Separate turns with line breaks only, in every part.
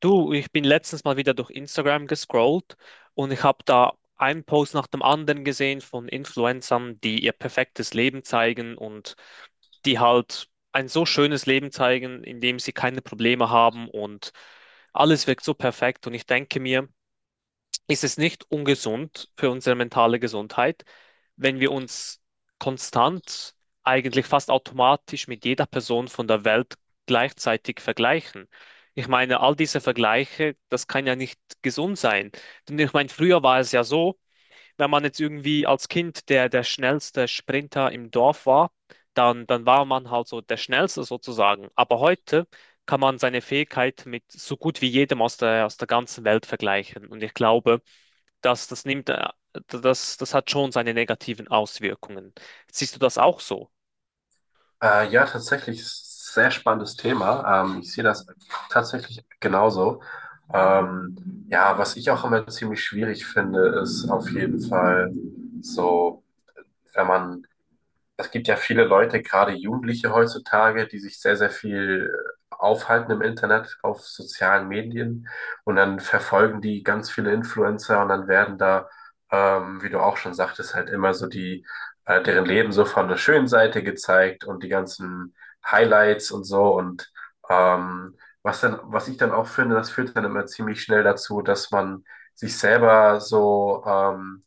Du, ich bin letztens mal wieder durch Instagram gescrollt und ich habe da einen Post nach dem anderen gesehen von Influencern, die ihr perfektes Leben zeigen und die halt ein so schönes Leben zeigen, in dem sie keine Probleme haben und alles wirkt so perfekt. Und ich denke mir, ist es nicht ungesund für unsere mentale Gesundheit, wenn wir uns konstant, eigentlich fast automatisch mit jeder Person von der Welt gleichzeitig vergleichen. Ich meine, all diese Vergleiche, das kann ja nicht gesund sein. Denn ich meine, früher war es ja so, wenn man jetzt irgendwie als Kind der schnellste Sprinter im Dorf war, dann war man halt so der Schnellste sozusagen. Aber heute kann man seine Fähigkeit mit so gut wie jedem aus der ganzen Welt vergleichen. Und ich glaube, das, das nimmt, äh, das hat schon seine negativen Auswirkungen. Siehst du das auch so?
Ja, tatsächlich ist ein sehr spannendes Thema. Ich sehe das tatsächlich genauso. Ja, was ich auch immer ziemlich schwierig finde, ist auf jeden Fall so, wenn man es gibt ja viele Leute, gerade Jugendliche heutzutage, die sich sehr, sehr viel aufhalten im Internet, auf sozialen Medien, und dann verfolgen die ganz viele Influencer, und dann werden da, wie du auch schon sagtest, halt immer so deren Leben so von der schönen Seite gezeigt und die ganzen Highlights und so, und ähm, was ich dann auch finde, das führt dann immer ziemlich schnell dazu, dass man sich selber so,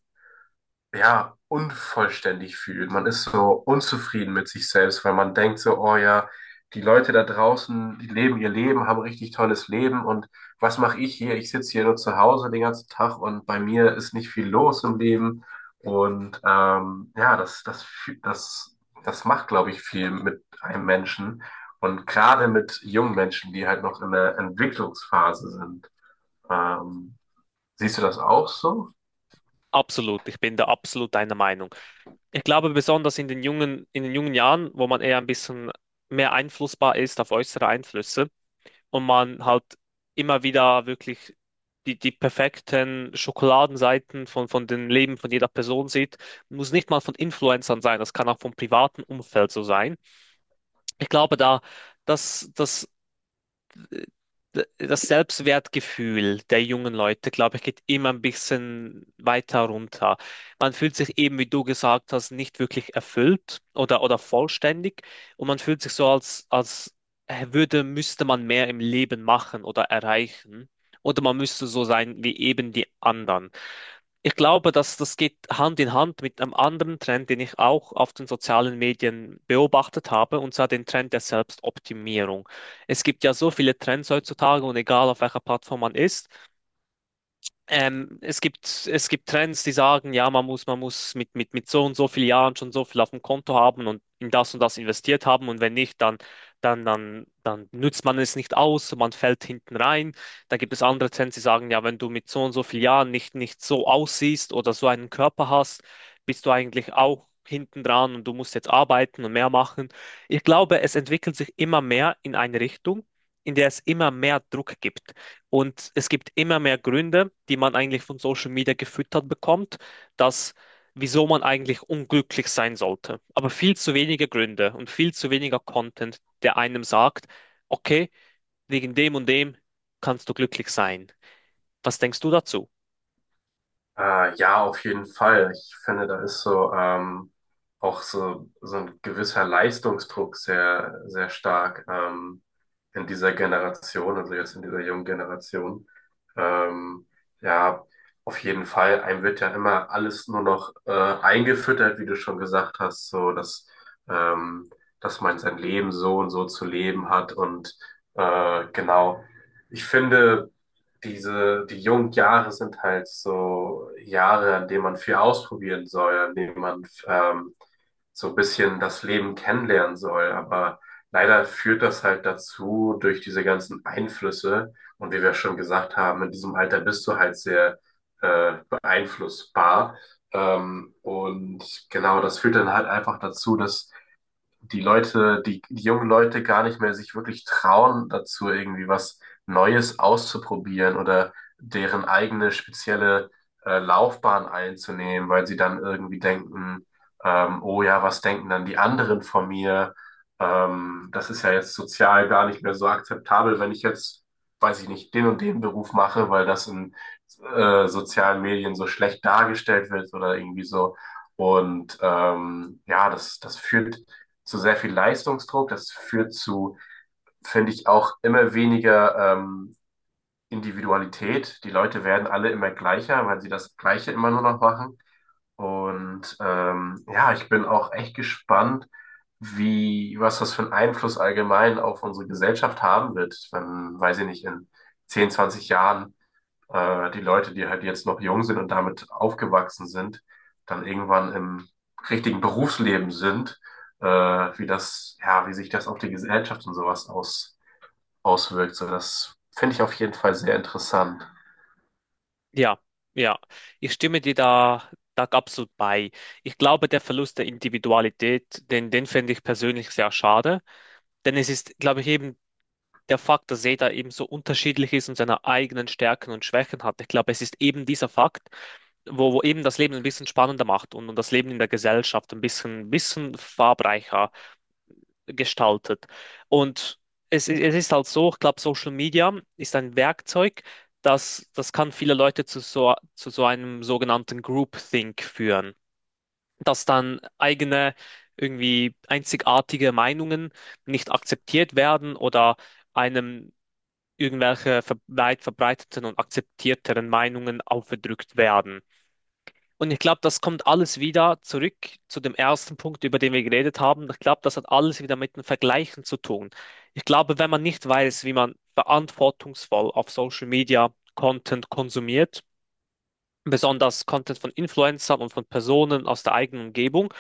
ja, unvollständig fühlt. Man ist so unzufrieden mit sich selbst, weil man denkt so, oh ja, die Leute da draußen, die leben ihr Leben, haben richtig tolles Leben, und was mache ich hier? Ich sitze hier nur zu Hause den ganzen Tag, und bei mir ist nicht viel los im Leben. Und ja, das, das macht, glaube ich, viel mit einem Menschen. Und gerade mit jungen Menschen, die halt noch in der Entwicklungsphase sind. Ähm, Siehst du das auch so?
Absolut, ich bin da absolut deiner Meinung. Ich glaube, besonders in in den jungen Jahren, wo man eher ein bisschen mehr einflussbar ist auf äußere Einflüsse und man halt immer wieder wirklich die perfekten Schokoladenseiten von den Leben von jeder Person sieht, muss nicht mal von Influencern sein, das kann auch vom privaten Umfeld so sein. Ich glaube, da, das, das das Selbstwertgefühl der jungen Leute, glaube ich, geht immer ein bisschen weiter runter. Man fühlt sich eben, wie du gesagt hast, nicht wirklich erfüllt oder vollständig und man fühlt sich so, als müsste man mehr im Leben machen oder erreichen oder man müsste so sein wie eben die anderen. Ich glaube, dass das geht Hand in Hand mit einem anderen Trend, den ich auch auf den sozialen Medien beobachtet habe, und zwar den Trend der Selbstoptimierung. Es gibt ja so viele Trends heutzutage und egal auf welcher Plattform man ist, es gibt Trends, die sagen, ja, man muss mit, mit so und so vielen Jahren schon so viel auf dem Konto haben und in das und das investiert haben. Und wenn nicht, dann nützt man es nicht aus, so man fällt hinten rein. Dann gibt es andere Trends, die sagen, ja, wenn du mit so und so vielen Jahren nicht so aussiehst oder so einen Körper hast, bist du eigentlich auch hinten dran und du musst jetzt arbeiten und mehr machen. Ich glaube, es entwickelt sich immer mehr in eine Richtung, in der es immer mehr Druck gibt. Und es gibt immer mehr Gründe, die man eigentlich von Social Media gefüttert bekommt, dass wieso man eigentlich unglücklich sein sollte. Aber viel zu wenige Gründe und viel zu weniger Content, der einem sagt, okay, wegen dem und dem kannst du glücklich sein. Was denkst du dazu?
Ja, auf jeden Fall. Ich finde, da ist so, auch so, so ein gewisser Leistungsdruck sehr, sehr stark, in dieser Generation, also jetzt in dieser jungen Generation. Ähm, ja, auf jeden Fall. Einem wird ja immer alles nur noch eingefüttert, wie du schon gesagt hast, so dass, ähm, dass man sein Leben so und so zu leben hat, und genau. Ich finde, die jungen Jahre sind halt so Jahre, an denen man viel ausprobieren soll, an denen man, so ein bisschen das Leben kennenlernen soll. Aber leider führt das halt dazu, durch diese ganzen Einflüsse. Und wie wir schon gesagt haben, in diesem Alter bist du halt sehr, beeinflussbar. Und genau, das führt dann halt einfach dazu, dass die Leute, die jungen Leute gar nicht mehr sich wirklich trauen dazu, irgendwie was Neues auszuprobieren oder deren eigene spezielle, Laufbahn einzunehmen, weil sie dann irgendwie denken, oh ja, was denken dann die anderen von mir? Das ist ja jetzt sozial gar nicht mehr so akzeptabel, wenn ich jetzt, weiß ich nicht, den und den Beruf mache, weil das in, sozialen Medien so schlecht dargestellt wird oder irgendwie so. Und ja, das führt zu sehr viel Leistungsdruck. Das führt zu, finde ich, auch immer weniger, Individualität. Die Leute werden alle immer gleicher, weil sie das Gleiche immer nur noch machen. Und ja, ich bin auch echt gespannt, was das für einen Einfluss allgemein auf unsere Gesellschaft haben wird, wenn, weiß ich nicht, in 10, 20 Jahren, die Leute, die halt jetzt noch jung sind und damit aufgewachsen sind, dann irgendwann im richtigen Berufsleben sind, ja, wie sich das auf die Gesellschaft und sowas auswirkt. So, das finde ich auf jeden Fall sehr interessant.
Ja, ja, ich stimme dir da absolut bei. Ich glaube, der Verlust der Individualität, den fände ich persönlich sehr schade, denn es ist, glaube ich, eben der Fakt, dass jeder eben so unterschiedlich ist und seine eigenen Stärken und Schwächen hat. Ich glaube, es ist eben dieser Fakt, wo eben das Leben ein bisschen spannender macht und das Leben in der Gesellschaft ein bisschen farbreicher gestaltet. Und es ist halt so, ich glaube, Social Media ist ein Werkzeug, das kann viele Leute zu so einem sogenannten Groupthink führen, dass dann eigene irgendwie einzigartige Meinungen nicht akzeptiert werden oder einem irgendwelche weit verbreiteten und akzeptierteren Meinungen aufgedrückt werden. Und ich glaube, das kommt alles wieder zurück zu dem ersten Punkt, über den wir geredet haben. Ich glaube, das hat alles wieder mit dem Vergleichen zu tun. Ich glaube, wenn man nicht weiß, wie man verantwortungsvoll auf Social Media Content konsumiert, besonders Content von Influencern und von Personen aus der eigenen Umgebung,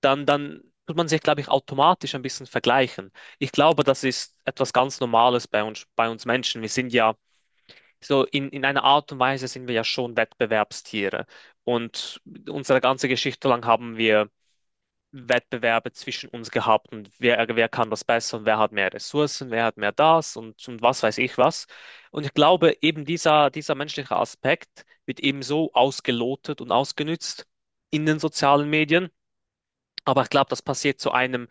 dann tut man sich, glaube ich, automatisch ein bisschen vergleichen. Ich glaube, das ist etwas ganz Normales bei uns Menschen. Wir sind ja so in einer Art und Weise sind wir ja schon Wettbewerbstiere. Und unsere ganze Geschichte lang haben wir Wettbewerbe zwischen uns gehabt und wer kann das besser und wer hat mehr Ressourcen, wer hat mehr das und was weiß ich was. Und ich glaube, eben dieser menschliche Aspekt wird eben so ausgelotet und ausgenützt in den sozialen Medien. Aber ich glaube, das passiert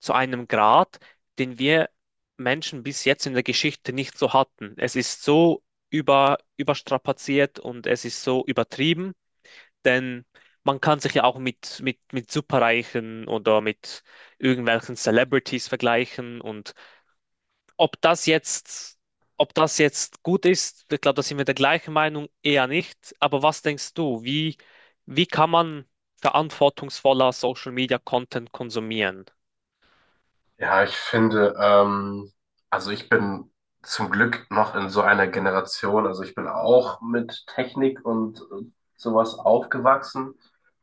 zu einem Grad, den wir Menschen bis jetzt in der Geschichte nicht so hatten. Es ist so überstrapaziert und es ist so übertrieben, denn man kann sich ja auch mit Superreichen oder mit irgendwelchen Celebrities vergleichen und ob das jetzt, ob das jetzt gut ist, ich glaube, da sind wir der gleichen Meinung, eher nicht. Aber was denkst du, wie kann man verantwortungsvoller Social Media Content konsumieren?
Ja, ich finde, also ich bin zum Glück noch in so einer Generation, also ich bin auch mit Technik und sowas aufgewachsen,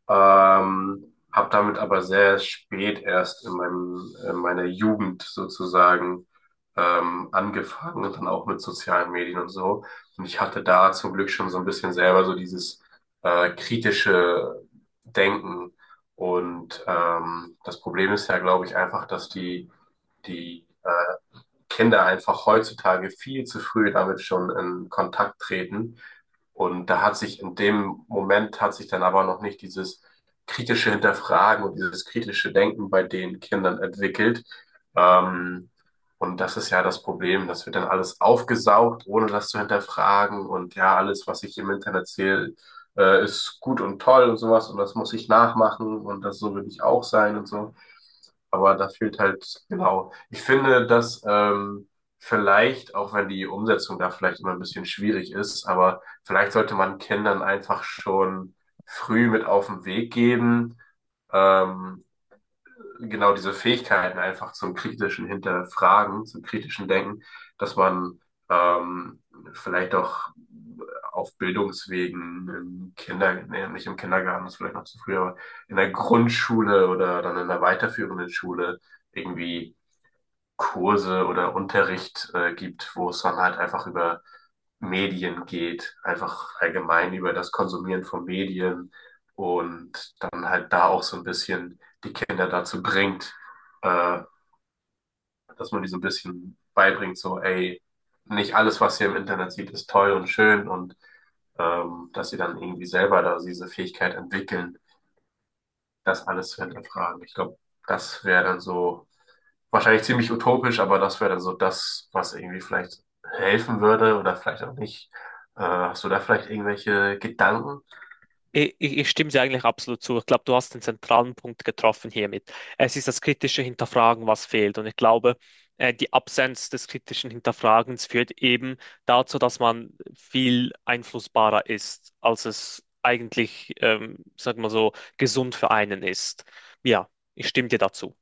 habe damit aber sehr spät erst in meinem, in meiner Jugend sozusagen angefangen und dann auch mit sozialen Medien und so. Und ich hatte da zum Glück schon so ein bisschen selber so dieses, kritische Denken, und das Problem ist ja, glaube ich, einfach, dass die, die, Kinder einfach heutzutage viel zu früh damit schon in Kontakt treten. Und da hat sich in dem Moment hat sich dann aber noch nicht dieses kritische Hinterfragen und dieses kritische Denken bei den Kindern entwickelt. Ähm, und das ist ja das Problem, das wird dann alles aufgesaugt, ohne das zu hinterfragen. Und ja, alles, was ich im Internet sehe, ist gut und toll und sowas. Und das muss ich nachmachen, und das so will ich auch sein und so. Aber da fehlt halt, genau. Ich finde, dass, vielleicht, auch wenn die Umsetzung da vielleicht immer ein bisschen schwierig ist, aber vielleicht sollte man Kindern einfach schon früh mit auf den Weg geben. Ähm, genau diese Fähigkeiten einfach zum kritischen Hinterfragen, zum kritischen Denken, dass man, ähm, vielleicht auch auf Bildungswegen im Kinder, nee, nicht im Kindergarten, das ist vielleicht noch zu früh, aber in der Grundschule oder dann in der weiterführenden Schule irgendwie Kurse oder Unterricht gibt, wo es dann halt einfach über Medien geht, einfach allgemein über das Konsumieren von Medien, und dann halt da auch so ein bisschen die Kinder dazu bringt, äh, dass man die so ein bisschen beibringt, so, ey, nicht alles, was ihr im Internet sieht, ist toll und schön, und dass sie dann irgendwie selber da diese Fähigkeit entwickeln, das alles zu hinterfragen. Ich glaube, das wäre dann so wahrscheinlich ziemlich utopisch, aber das wäre dann so das, was irgendwie vielleicht helfen würde oder vielleicht auch nicht. Hast du da vielleicht irgendwelche Gedanken?
Ich stimme dir eigentlich absolut zu. Ich glaube, du hast den zentralen Punkt getroffen hiermit. Es ist das kritische Hinterfragen, was fehlt. Und ich glaube, die Absenz des kritischen Hinterfragens führt eben dazu, dass man viel einflussbarer ist, als es eigentlich, sag mal so, gesund für einen ist. Ja, ich stimme dir dazu.